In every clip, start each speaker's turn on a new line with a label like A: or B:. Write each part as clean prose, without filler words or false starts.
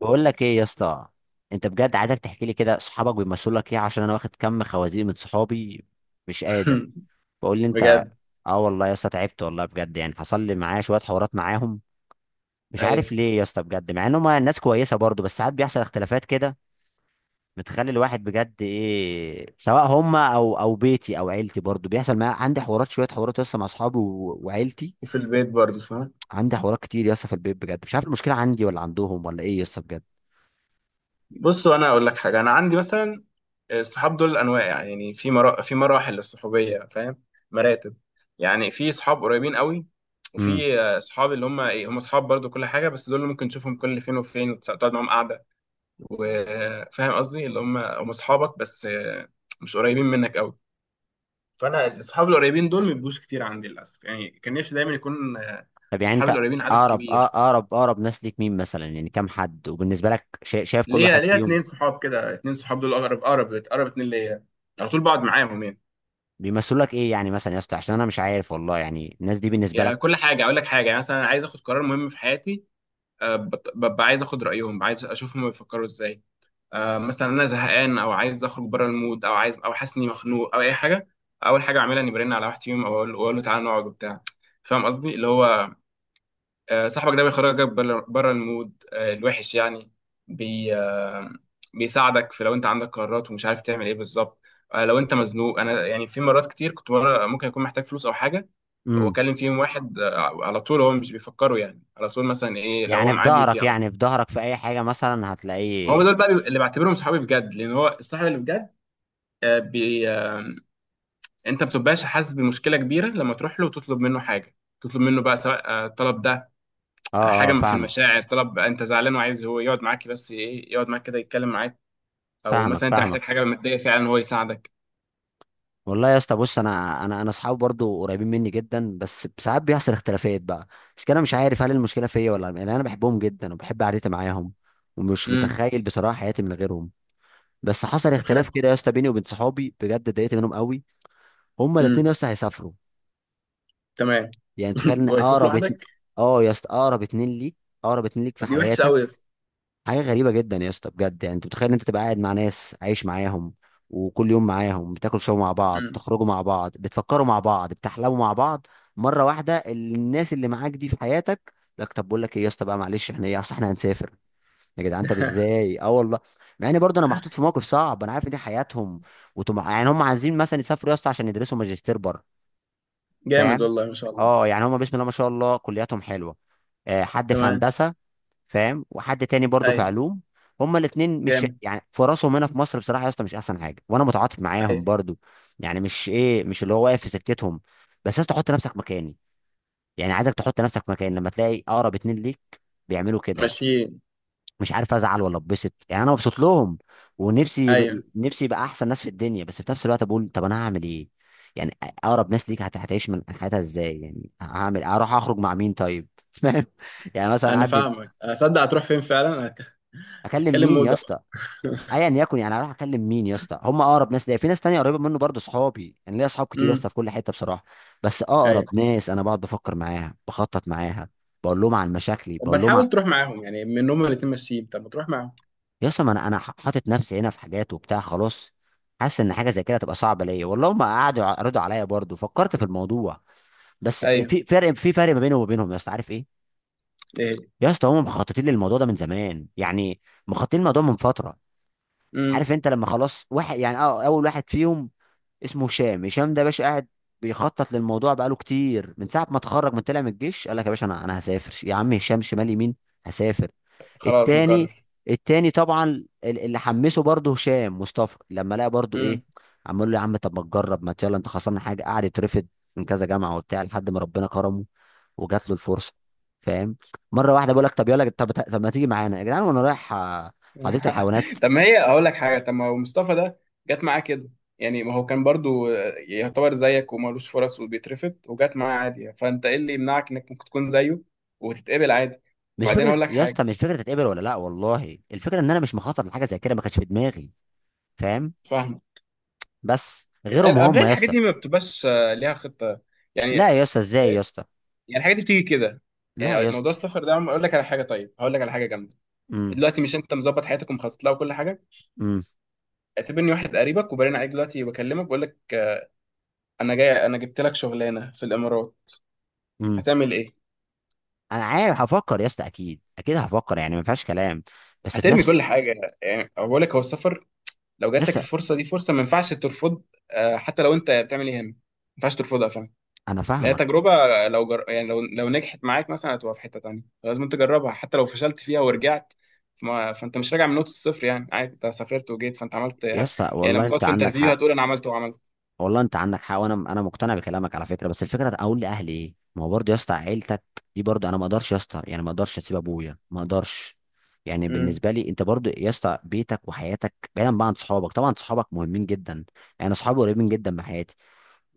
A: بقول لك ايه يا اسطى؟ انت بجد عايزك تحكي لي كده صحابك بيمثلوا لك ايه، عشان انا واخد كم خوازيق من صحابي. مش قادر. بقول لي انت.
B: بجد.
A: اه والله يا اسطى تعبت والله بجد، يعني حصل لي معايا شويه حوارات معاهم. مش عارف
B: ايوه.
A: ليه يا اسطى بجد، مع انهم ناس كويسه برضو، بس ساعات بيحصل اختلافات كده. بتخلي الواحد بجد ايه، سواء هم او بيتي او عيلتي، برضو بيحصل معايا عندي حوارات شويه حوارات يا اسطى مع اصحابي وعيلتي.
B: وفي البيت برضه صح.
A: عندي حوارات كتير يا اسطى في البيت، بجد مش عارف المشكله عندي ولا عندهم ولا ايه يا اسطى بجد.
B: بص وانا اقول لك حاجه، انا عندي مثلا الصحاب دول انواع، يعني في مراحل للصحوبيه، فاهم؟ مراتب. يعني في صحاب قريبين قوي،
A: مم.
B: وفي صحاب اللي هم ايه، هم صحاب برضه كل حاجه، بس دول اللي ممكن تشوفهم كل فين وفين وتقعد معاهم قاعده. وفاهم قصدي اللي هم اصحابك بس، مش قريبين منك قوي. فانا الصحاب القريبين دول ما بيبقوش كتير عندي للاسف، يعني كان نفسي دايما يكون
A: طب يعني
B: صحابي
A: انت
B: القريبين عدد
A: اقرب، اه
B: كبير.
A: اقرب، اقرب ناس ليك مين مثلا؟ يعني كام حد، وبالنسبه لك شايف كل
B: ليا
A: واحد
B: ليا
A: فيهم
B: اتنين صحاب كده، اتنين صحاب دول اقرب اقرب اقرب اتنين ليا، على طول بقعد معاهم يعني.
A: بيمثل لك ايه، يعني مثلا يا اسطى؟ عشان انا مش عارف والله يعني الناس دي بالنسبه
B: يعني
A: لك.
B: كل حاجه، اقول لك حاجه، يعني مثلا عايز اخد قرار مهم في حياتي، ببقى عايز اخد رايهم، عايز اشوفهم بيفكروا ازاي. مثلا انا زهقان او عايز اخرج بره المود او عايز او حاسس اني مخنوق او اي حاجه، اول حاجه اعملها اني برن على واحد فيهم، او اقول أو أقول له تعالى نقعد وبتاع. فاهم قصدي، اللي هو صاحبك ده بيخرجك بره المود، الوحش يعني. بي آه، بيساعدك في لو انت عندك قرارات ومش عارف تعمل ايه بالظبط. لو انت مزنوق، انا يعني في مرات كتير كنت، مرة ممكن اكون محتاج فلوس او حاجه،
A: امم.
B: واكلم فيهم واحد على طول هو مش بيفكروا يعني، على طول مثلا ايه، لو هو
A: يعني في
B: معاه بيدي
A: ظهرك،
B: على
A: يعني
B: طول.
A: في ظهرك في اي حاجه مثلا
B: هم
A: هتلاقيه.
B: دول بقى اللي بعتبرهم صحابي بجد، لان هو الصاحب اللي بجد. بي آه، انت ما بتبقاش حاسس بمشكله كبيره لما تروح له وتطلب منه حاجه. تطلب منه بقى، سواء الطلب ده
A: اه اه
B: حاجه في
A: فاهمك،
B: المشاعر، طلب انت زعلان وعايز هو يقعد معاك، بس ايه، يقعد معاك كده يتكلم معاك، او
A: فاهمك،
B: مثلا انت
A: فاهمك.
B: محتاج حاجه ماديه فعلا هو يساعدك.
A: والله يا اسطى بص، انا اصحابي برضو قريبين مني جدا، بس ساعات بيحصل اختلافات بقى. مش كده؟ أنا مش عارف هل المشكله فيا ولا، يعني انا بحبهم جدا وبحب قعدتي معاهم، ومش
B: امم.
A: متخيل بصراحه حياتي من غيرهم. بس حصل
B: طب
A: اختلاف
B: خلال.
A: كده يا اسطى بيني وبين صحابي، بجد اتضايقت منهم قوي. هما الاثنين
B: امم.
A: يا اسطى هيسافروا.
B: تمام.
A: يعني تخيل ان
B: ويسيبك
A: اقرب
B: لوحدك.
A: اه يا اسطى، اقرب اتنين ليك، اقرب اتنين ليك في
B: طب دي وحشه
A: حياتك.
B: قوي يا اسطى.
A: حاجه غريبه جدا يا اسطى بجد. يعني انت متخيل ان انت تبقى قاعد مع ناس عايش معاهم، وكل يوم معاهم بتاكل شو مع بعض،
B: امم.
A: تخرجوا مع بعض، بتفكروا مع بعض، بتحلموا مع بعض، مره واحده الناس اللي معاك دي في حياتك لك، طب بقول لك ايه يا اسطى بقى، معلش احنا ايه، اصل احنا هنسافر يا جدعان. طب ازاي؟ اه والله. مع ان برضه انا محطوط في موقف صعب، انا عارف ان دي حياتهم وطمع، يعني هم عايزين مثلا يسافروا يا اسطى عشان يدرسوا ماجستير بره.
B: جامد
A: فاهم؟
B: والله ما شاء الله.
A: اه يعني هم بسم الله ما شاء الله كلياتهم حلوه، حد في
B: تمام.
A: هندسه. فاهم؟ وحد تاني برضه في
B: ايوه.
A: علوم. هما الاثنين مش
B: جامد.
A: يعني فرصهم هنا في مصر بصراحه يا اسطى مش احسن حاجه، وانا متعاطف معاهم
B: ايوه.
A: برضه. يعني مش ايه، مش اللي هو واقف في سكتهم. بس يا اسطى حط نفسك مكاني، يعني عايزك تحط نفسك مكاني لما تلاقي اقرب اتنين ليك بيعملوا كده.
B: ماشيين.
A: مش عارف ازعل ولا اتبسط، يعني انا مبسوط لهم ونفسي
B: ايوه.
A: نفسي يبقى احسن ناس في الدنيا، بس في نفس الوقت بقول طب انا هعمل ايه؟ يعني اقرب ناس ليك هتعيش من حياتها ازاي؟ يعني هعمل اروح اخرج مع مين طيب؟ فاهم؟ يعني مثلا
B: انا
A: قاعد
B: فاهمك، اصدق هتروح فين فعلا؟
A: اكلم
B: هتكلم
A: مين يا
B: موزه بقى.
A: اسطى؟ ايا يكن، يعني اروح اكلم مين يا اسطى؟ هم اقرب ناس ليا. في ناس تانية قريبه منه برضه صحابي، يعني ليا اصحاب كتير يا
B: امم.
A: اسطى في كل حته بصراحه. بس
B: ايوه.
A: اقرب ناس انا بقعد بفكر معاها، بخطط معاها، بقول لهم عن مشاكلي،
B: طب ما
A: بقول لهم.
B: تحاول تروح معاهم يعني، من هم الاتنين ماشيين، طب ما تروح معاهم.
A: يا اسطى ما انا حاطط نفسي هنا في حاجات وبتاع خلاص. حاسس ان حاجه زي كده هتبقى صعبه ليا والله. ما قعدوا يعرضوا عليا برضه، فكرت في الموضوع. بس
B: ايوه.
A: في فرق، في فرق ما بيني وما بينهم يا اسطى، عارف ايه؟
B: ايه.
A: يا اسطى هم مخططين للموضوع ده من زمان يعني، مخططين الموضوع من فتره.
B: امم.
A: عارف انت لما خلاص؟ واحد يعني اه اول واحد فيهم اسمه هشام. هشام ده يا باشا قاعد بيخطط للموضوع بقاله كتير، من ساعه ما اتخرج، من طلع من الجيش، قال لك يا باشا انا هسافر. يا عم هشام، شمال يمين هسافر.
B: خلاص
A: التاني،
B: مكرر.
A: التاني طبعا، اللي حمسه برضه هشام مصطفى لما لقى برضه ايه، عمال له يا عم طب ما تجرب، ما يلا انت خسران حاجه؟ قعد يترفض من كذا جامعه وبتاع لحد ما ربنا كرمه وجات له الفرصه. فاهم؟ مره واحده بقول لك طب يلا، طب طب ما تيجي معانا يا جدعان، وانا رايح حديقه الحيوانات.
B: طب ما هي هقول لك حاجه، طب ما هو مصطفى ده جت معاه كده، يعني ما هو كان برضو يعتبر زيك ومالوش فرص وبيترفض وجت معاه عادي يعني. فانت ايه اللي يمنعك انك ممكن تكون زيه وتتقبل عادي؟
A: مش
B: وبعدين
A: فكره
B: هقول لك
A: يا
B: حاجه،
A: اسطى، مش فكره تتقبل ولا لا والله. الفكره ان انا مش مخطط لحاجه زي كده، ما كانش في دماغي. فاهم؟
B: فاهم،
A: بس غيرهم
B: قبل
A: هم يا
B: الحاجات
A: اسطى.
B: دي ما بتبقاش ليها خطه
A: لا
B: يعني.
A: يا اسطى، ازاي يا اسطى؟
B: يعني الحاجات دي بتيجي كده.
A: لا
B: يعني
A: يا اسطى.
B: موضوع السفر ده اقول لك على حاجه، طيب هقول لك على حاجه جامده.
A: امم.
B: دلوقتي مش انت مظبط حياتك ومخطط لها وكل حاجه.
A: امم.
B: اعتبرني واحد قريبك وبرن عليك دلوقتي، بكلمك، بقول لك انا جاي انا جبت لك شغلانه في الامارات.
A: امم.
B: هتعمل ايه؟
A: انا عارف هفكر يا اسطى، اكيد اكيد هفكر يعني ما فيهاش كلام. بس في
B: هترمي
A: نفس.
B: كل حاجه يعني؟ أو بقول لك هو السفر، لو
A: يا
B: جات لك
A: اسطى.
B: الفرصه دي، فرصه ما ينفعش ترفض. حتى لو انت بتعمل ايه، هم ما ينفعش ترفضها، فاهم.
A: انا
B: لان هي
A: فاهمك
B: تجربه، يعني لو نجحت معاك مثلا، هتبقى في حته تانيه، فلازم تجربها. حتى لو فشلت فيها ورجعت، فانت مش راجع من نقطه الصفر يعني. عادي، انت سافرت وجيت فانت عملت
A: يا
B: يعني.
A: اسطى. والله
B: لما تقعد
A: انت
B: في
A: عندك
B: انترفيو
A: حق.
B: هتقول انا عملت وعملت.
A: والله انت عندك حق وانا انا مقتنع بكلامك على فكره، بس الفكره اقول لاهلي ايه؟ ما هو برضه يا اسطى عيلتك دي برضه، انا ما اقدرش يا اسطى، يعني ما اقدرش اسيب ابويا، ما اقدرش. يعني
B: امم.
A: بالنسبه لي، انت برضه يا اسطى بيتك وحياتك، بعيدا بقى عن صحابك طبعا. صحابك مهمين جدا، يعني اصحابي قريبين جدا من حياتي.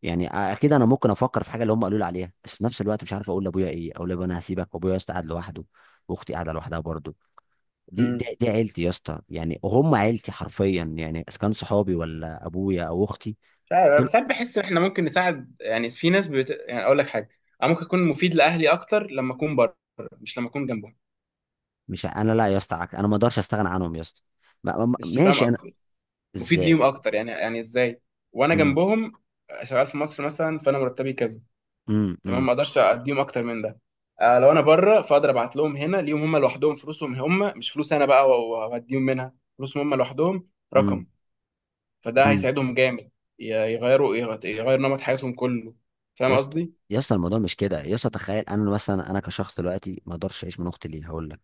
A: يعني اكيد انا ممكن افكر في حاجه اللي هم قالوا لي عليها، بس في نفس الوقت مش عارف اقول لابويا ايه. اقول لابويا انا هسيبك، وابويا يا اسطى قاعد لوحده، واختي قاعده لوحدها برضه. دي،
B: امم.
A: دي عيلتي يا اسطى، يعني هم عيلتي حرفيا. يعني اذا كان صحابي ولا ابويا او اختي
B: مش عارف،
A: دول.
B: بس ساعات بحس احنا ممكن نساعد، يعني يعني اقول لك حاجه، انا ممكن اكون مفيد لاهلي اكتر لما اكون بره، مش لما اكون جنبهم.
A: مش ع- انا لا يا اسطى، انا ما اقدرش استغنى عنهم يا اسطى.
B: مش فاهم
A: ماشي انا.
B: قصدي؟ مفيد
A: ازاي؟
B: ليهم اكتر يعني، يعني ازاي وانا
A: امم.
B: جنبهم؟ شغال في مصر مثلا، فانا مرتبي كذا.
A: امم.
B: تمام،
A: امم.
B: ما اقدرش اديهم اكتر من ده. آه، لو انا بره فاقدر ابعت لهم. هنا ليهم هم لوحدهم فلوسهم، هم مش فلوس انا بقى واديهم منها، فلوسهم هم لوحدهم
A: إمم.
B: رقم. فده
A: إمم.
B: هيساعدهم جامد. يغير نمط حياتهم كله. فاهم
A: يا اسطى،
B: قصدي؟
A: يا اسطى الموضوع مش كده يا اسطى. تخيل انا مثلا انا كشخص دلوقتي ما اقدرش اعيش من اختي. ليه؟ هقول لك.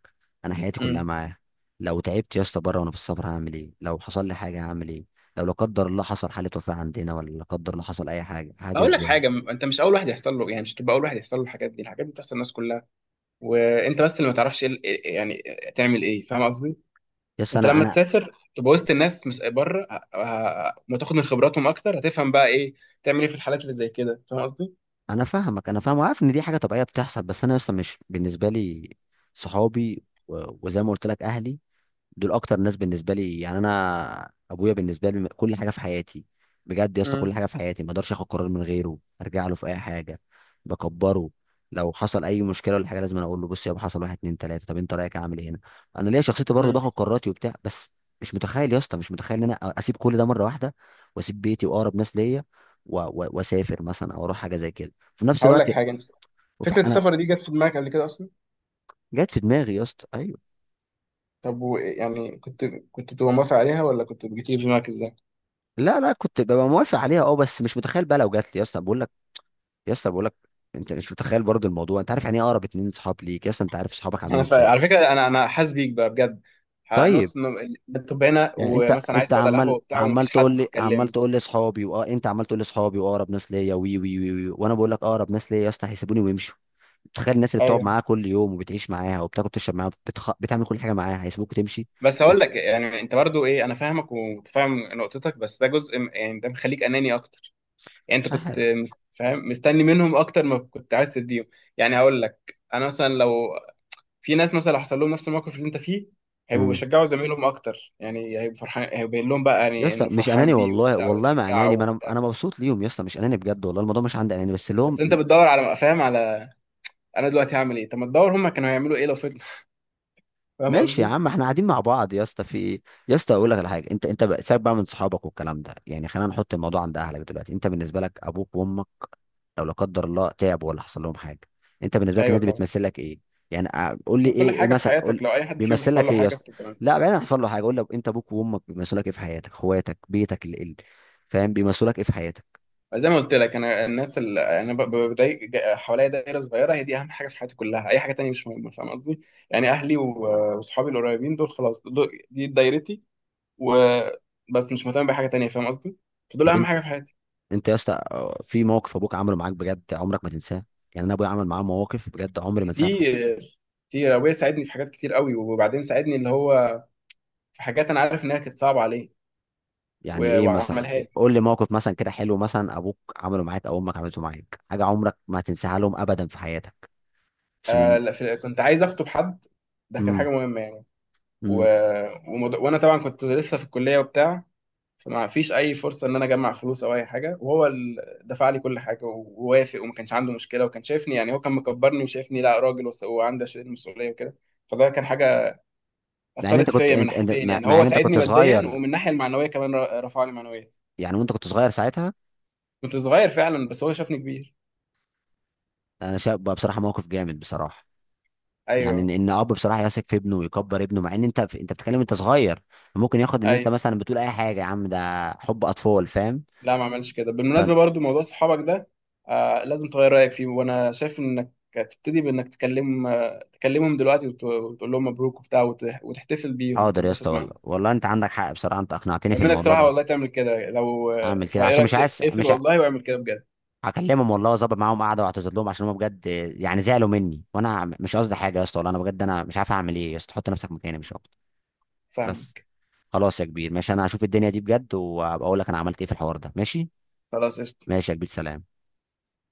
A: انا حياتي كلها
B: امم.
A: معاه. لو تعبت يا اسطى بره وانا في السفر هعمل ايه؟ لو حصل لي حاجه هعمل ايه؟ لو لا قدر الله حصل حاله وفاه عندنا، ولا لا قدر الله حصل اي حاجه، حاجه
B: اقول لك
A: ازاي؟
B: حاجه، انت مش اول واحد يحصل له، يعني مش تبقى اول واحد يحصل له الحاجات دي. الحاجات دي بتحصل للناس كلها، وانت بس اللي ما تعرفش يعني تعمل ايه، فاهم قصدي؟
A: يا اسطى
B: انت
A: انا
B: لما
A: انا
B: تسافر تبقى وسط الناس مش بره، ما تاخد من خبراتهم اكتر، هتفهم بقى ايه تعمل ايه في الحالات اللي زي كده، فاهم قصدي؟
A: انا فاهمك. انا فاهم وعارف ان دي حاجه طبيعيه بتحصل، بس انا يا اسطى مش بالنسبه لي. صحابي وزي ما قلت لك اهلي دول اكتر ناس بالنسبه لي. يعني انا ابويا بالنسبه لي كل حاجه في حياتي، بجد يا اسطى كل
B: امم.
A: حاجه في حياتي. ما اقدرش اخد قرار من غيره، ارجع له في اي حاجه بكبره. لو حصل اي مشكله ولا حاجه لازم أنا اقول له، بص يابا حصل واحد اتنين تلاته، طب انت رايك اعمل ايه هنا؟ انا ليا شخصيتي برضه
B: امم.
A: باخد قراراتي وبتاع، بس مش متخيل يا اسطى، مش متخيل ان انا اسيب كل ده مره واحده، واسيب بيتي واقرب ناس ليا، واسافر مثلا او اروح حاجه زي كده في نفس
B: هقول
A: الوقت.
B: لك حاجه، انت
A: وفي
B: فكره
A: انا.
B: السفر دي جت في دماغك قبل كده اصلا؟
A: جت في دماغي يا اسطى ايوه.
B: طب و يعني كنت، كنت تبقى موافق عليها ولا كنت بتيجي في دماغك ازاي؟
A: لا لا كنت ببقى موافق عليها اه، بس مش متخيل بقى لو جات لي. يا اسطى بقول لك، يا اسطى بقول لك، انت مش متخيل برضو الموضوع، انت عارف يعني ايه اقرب اتنين صحاب ليك يا اسطى؟ انت عارف صحابك عاملين
B: انا
A: ازاي.
B: على فكره، انا حاسس بيك بقى بجد.
A: طيب.
B: هنوت انه بتبقى هنا
A: يعني انت
B: ومثلا عايز
A: انت
B: تقعد على القهوه
A: عمال
B: وبتاع
A: عمال
B: ومفيش
A: تقول
B: حد
A: لي، عمال
B: تتكلم.
A: تقول لي اصحابي، واه انت عمال تقول لي اصحابي واقرب ناس ليا، وي. وانا بقول لك اقرب ناس ليا يا اسطى هيسيبوني ويمشوا. تخيل الناس اللي بتقعد
B: ايوه.
A: معاها كل يوم وبتعيش معاها وبتاكل تشرب معاها، بتعمل كل حاجه معاها، هيسيبوك وتمشي.
B: بس هقول لك، يعني انت برضو ايه، انا فاهمك ومتفاهم نقطتك، بس ده جزء يعني ده مخليك اناني اكتر. يعني
A: مش
B: انت كنت
A: عارف.
B: فاهم، مستني منهم اكتر ما كنت عايز تديهم. يعني هقول لك، انا مثلا لو، في ناس مثلا لو حصل لهم نفس الموقف اللي انت فيه، هيبقوا
A: امم.
B: بيشجعوا زمايلهم اكتر. يعني هيبقوا فرحان، هيبقوا باين لهم بقى
A: يا
B: يعني
A: اسطى
B: انه
A: مش
B: فرحان
A: اناني
B: بيه
A: والله،
B: وبتاع
A: والله ما
B: ويشجعه
A: اناني، ما انا
B: وبتاع.
A: انا مبسوط ليهم يا اسطى. مش اناني بجد والله، الموضوع مش عندي اناني، بس اللي هو.
B: بس انت بتدور على، فاهم، على انا دلوقتي هعمل ايه. طب ما تدور هم كانوا هيعملوا ايه لو فضلوا. فاهم
A: ماشي يا
B: قصدي؟
A: عم احنا قاعدين مع بعض يا اسطى في ايه؟ يا اسطى اقول لك على حاجه. انت سيبك بقى من صحابك والكلام ده، يعني خلينا نحط الموضوع عند اهلك دلوقتي. انت بالنسبه لك ابوك وامك، لو لا قدر الله تعبوا ولا حصل لهم حاجه، انت بالنسبه لك
B: ايوه
A: الناس دي
B: طبعا.
A: بتمثل لك ايه؟ يعني قول لي
B: دي كل
A: ايه، ايه
B: حاجه في
A: مثلا؟
B: حياتك،
A: قول
B: لو اي حد فيهم
A: بيمثل
B: حصل
A: لك
B: له
A: ايه يا
B: حاجه
A: اسطى؟
B: في.
A: لا بعدين حصل له حاجه، قول لي انت ابوك وامك بيمثلوا لك ايه في حياتك؟ اخواتك، بيتك، فاهم؟ بيمثلوا لك ايه في حياتك؟
B: زي ما قلت لك، انا الناس اللي انا بضايق حواليا دايره صغيره، هي دي اهم حاجه في حياتي كلها، اي حاجه تانية مش مهمه، فاهم قصدي. يعني اهلي وصحابي القريبين دول، خلاص دول دي دايرتي وبس، مش مهتم بحاجه تانية، فاهم قصدي. فدول
A: طب
B: اهم
A: انت،
B: حاجه في حياتي.
A: انت يا اسطى في موقف ابوك عمله معاك بجد عمرك ما تنساه؟ يعني انا ابويا عمل معاه مواقف بجد عمري ما انساها في حياتي.
B: كتير، كتير ابويا ساعدني في حاجات كتير قوي. وبعدين ساعدني اللي هو في حاجات انا عارف انها كانت صعبه عليه
A: يعني ايه مثلا؟
B: وعملها لي.
A: قول لي موقف مثلا كده حلو، مثلا ابوك عمله معاك او امك عملته معاك، حاجه عمرك ما هتنساها لهم ابدا في حياتك؟ عشان.
B: لا، كنت عايز اخطب حد. ده كان
A: امم.
B: حاجه مهمه يعني. و...
A: امم.
B: وانا طبعا كنت لسه في الكليه وبتاع، فما فيش اي فرصه ان انا اجمع فلوس او اي حاجه، وهو اللي دفع لي كل حاجه ووافق وما كانش عنده مشكله، وكان شايفني يعني، هو كان مكبرني وشايفني لا راجل، وعندي اشيل المسؤوليه وكده. فده كان حاجه
A: مع ان انت
B: اثرت
A: كنت،
B: فيا من
A: انت انت
B: ناحيتين،
A: مع
B: يعني
A: مع
B: هو
A: ان انت
B: ساعدني
A: كنت
B: ماديا
A: صغير،
B: ومن الناحيه المعنويه كمان، رفع لي معنويا.
A: يعني وانت كنت صغير ساعتها.
B: كنت صغير فعلا، بس هو شافني كبير.
A: انا شايف بقى بصراحه موقف جامد بصراحه. يعني
B: ايوه.
A: ان اب بصراحه يثق في ابنه ويكبر ابنه، مع ان انت انت بتتكلم انت صغير، ممكن ياخد ان انت
B: ايوه.
A: مثلا بتقول اي حاجه، يا عم ده حب اطفال، فاهم؟
B: لا ما عملش كده
A: ف.
B: بالمناسبه، برضو موضوع صحابك ده آه لازم تغير رايك فيه، وانا شايف انك تبتدي بانك تكلم، تكلمهم دلوقتي وتقول لهم مبروك وبتاع، وتحتفل بيهم،
A: حاضر يا اسطى
B: تتبسط
A: والله،
B: معاهم.
A: والله انت عندك حق بصراحه، انت اقنعتني في
B: انا منك
A: الموضوع
B: صراحه،
A: ده.
B: والله تعمل كده، لو
A: اعمل كده
B: فايه
A: عشان
B: رايك،
A: مش عايز
B: تقفل
A: مش.
B: والله واعمل كده بجد.
A: هكلمهم والله، واظبط معاهم قعده واعتذر لهم، عشان هم بجد يعني زعلوا مني وانا مش قصدي حاجه. يا اسطى والله انا بجد انا مش عارف اعمل ايه يا اسطى، حط نفسك مكاني مش اكتر. بس.
B: فاهمك.
A: خلاص يا كبير، ماشي انا هشوف الدنيا دي بجد، وابقى اقول لك انا عملت ايه في الحوار ده. ماشي.
B: خلاص قشطه.
A: ماشي يا كبير، سلام.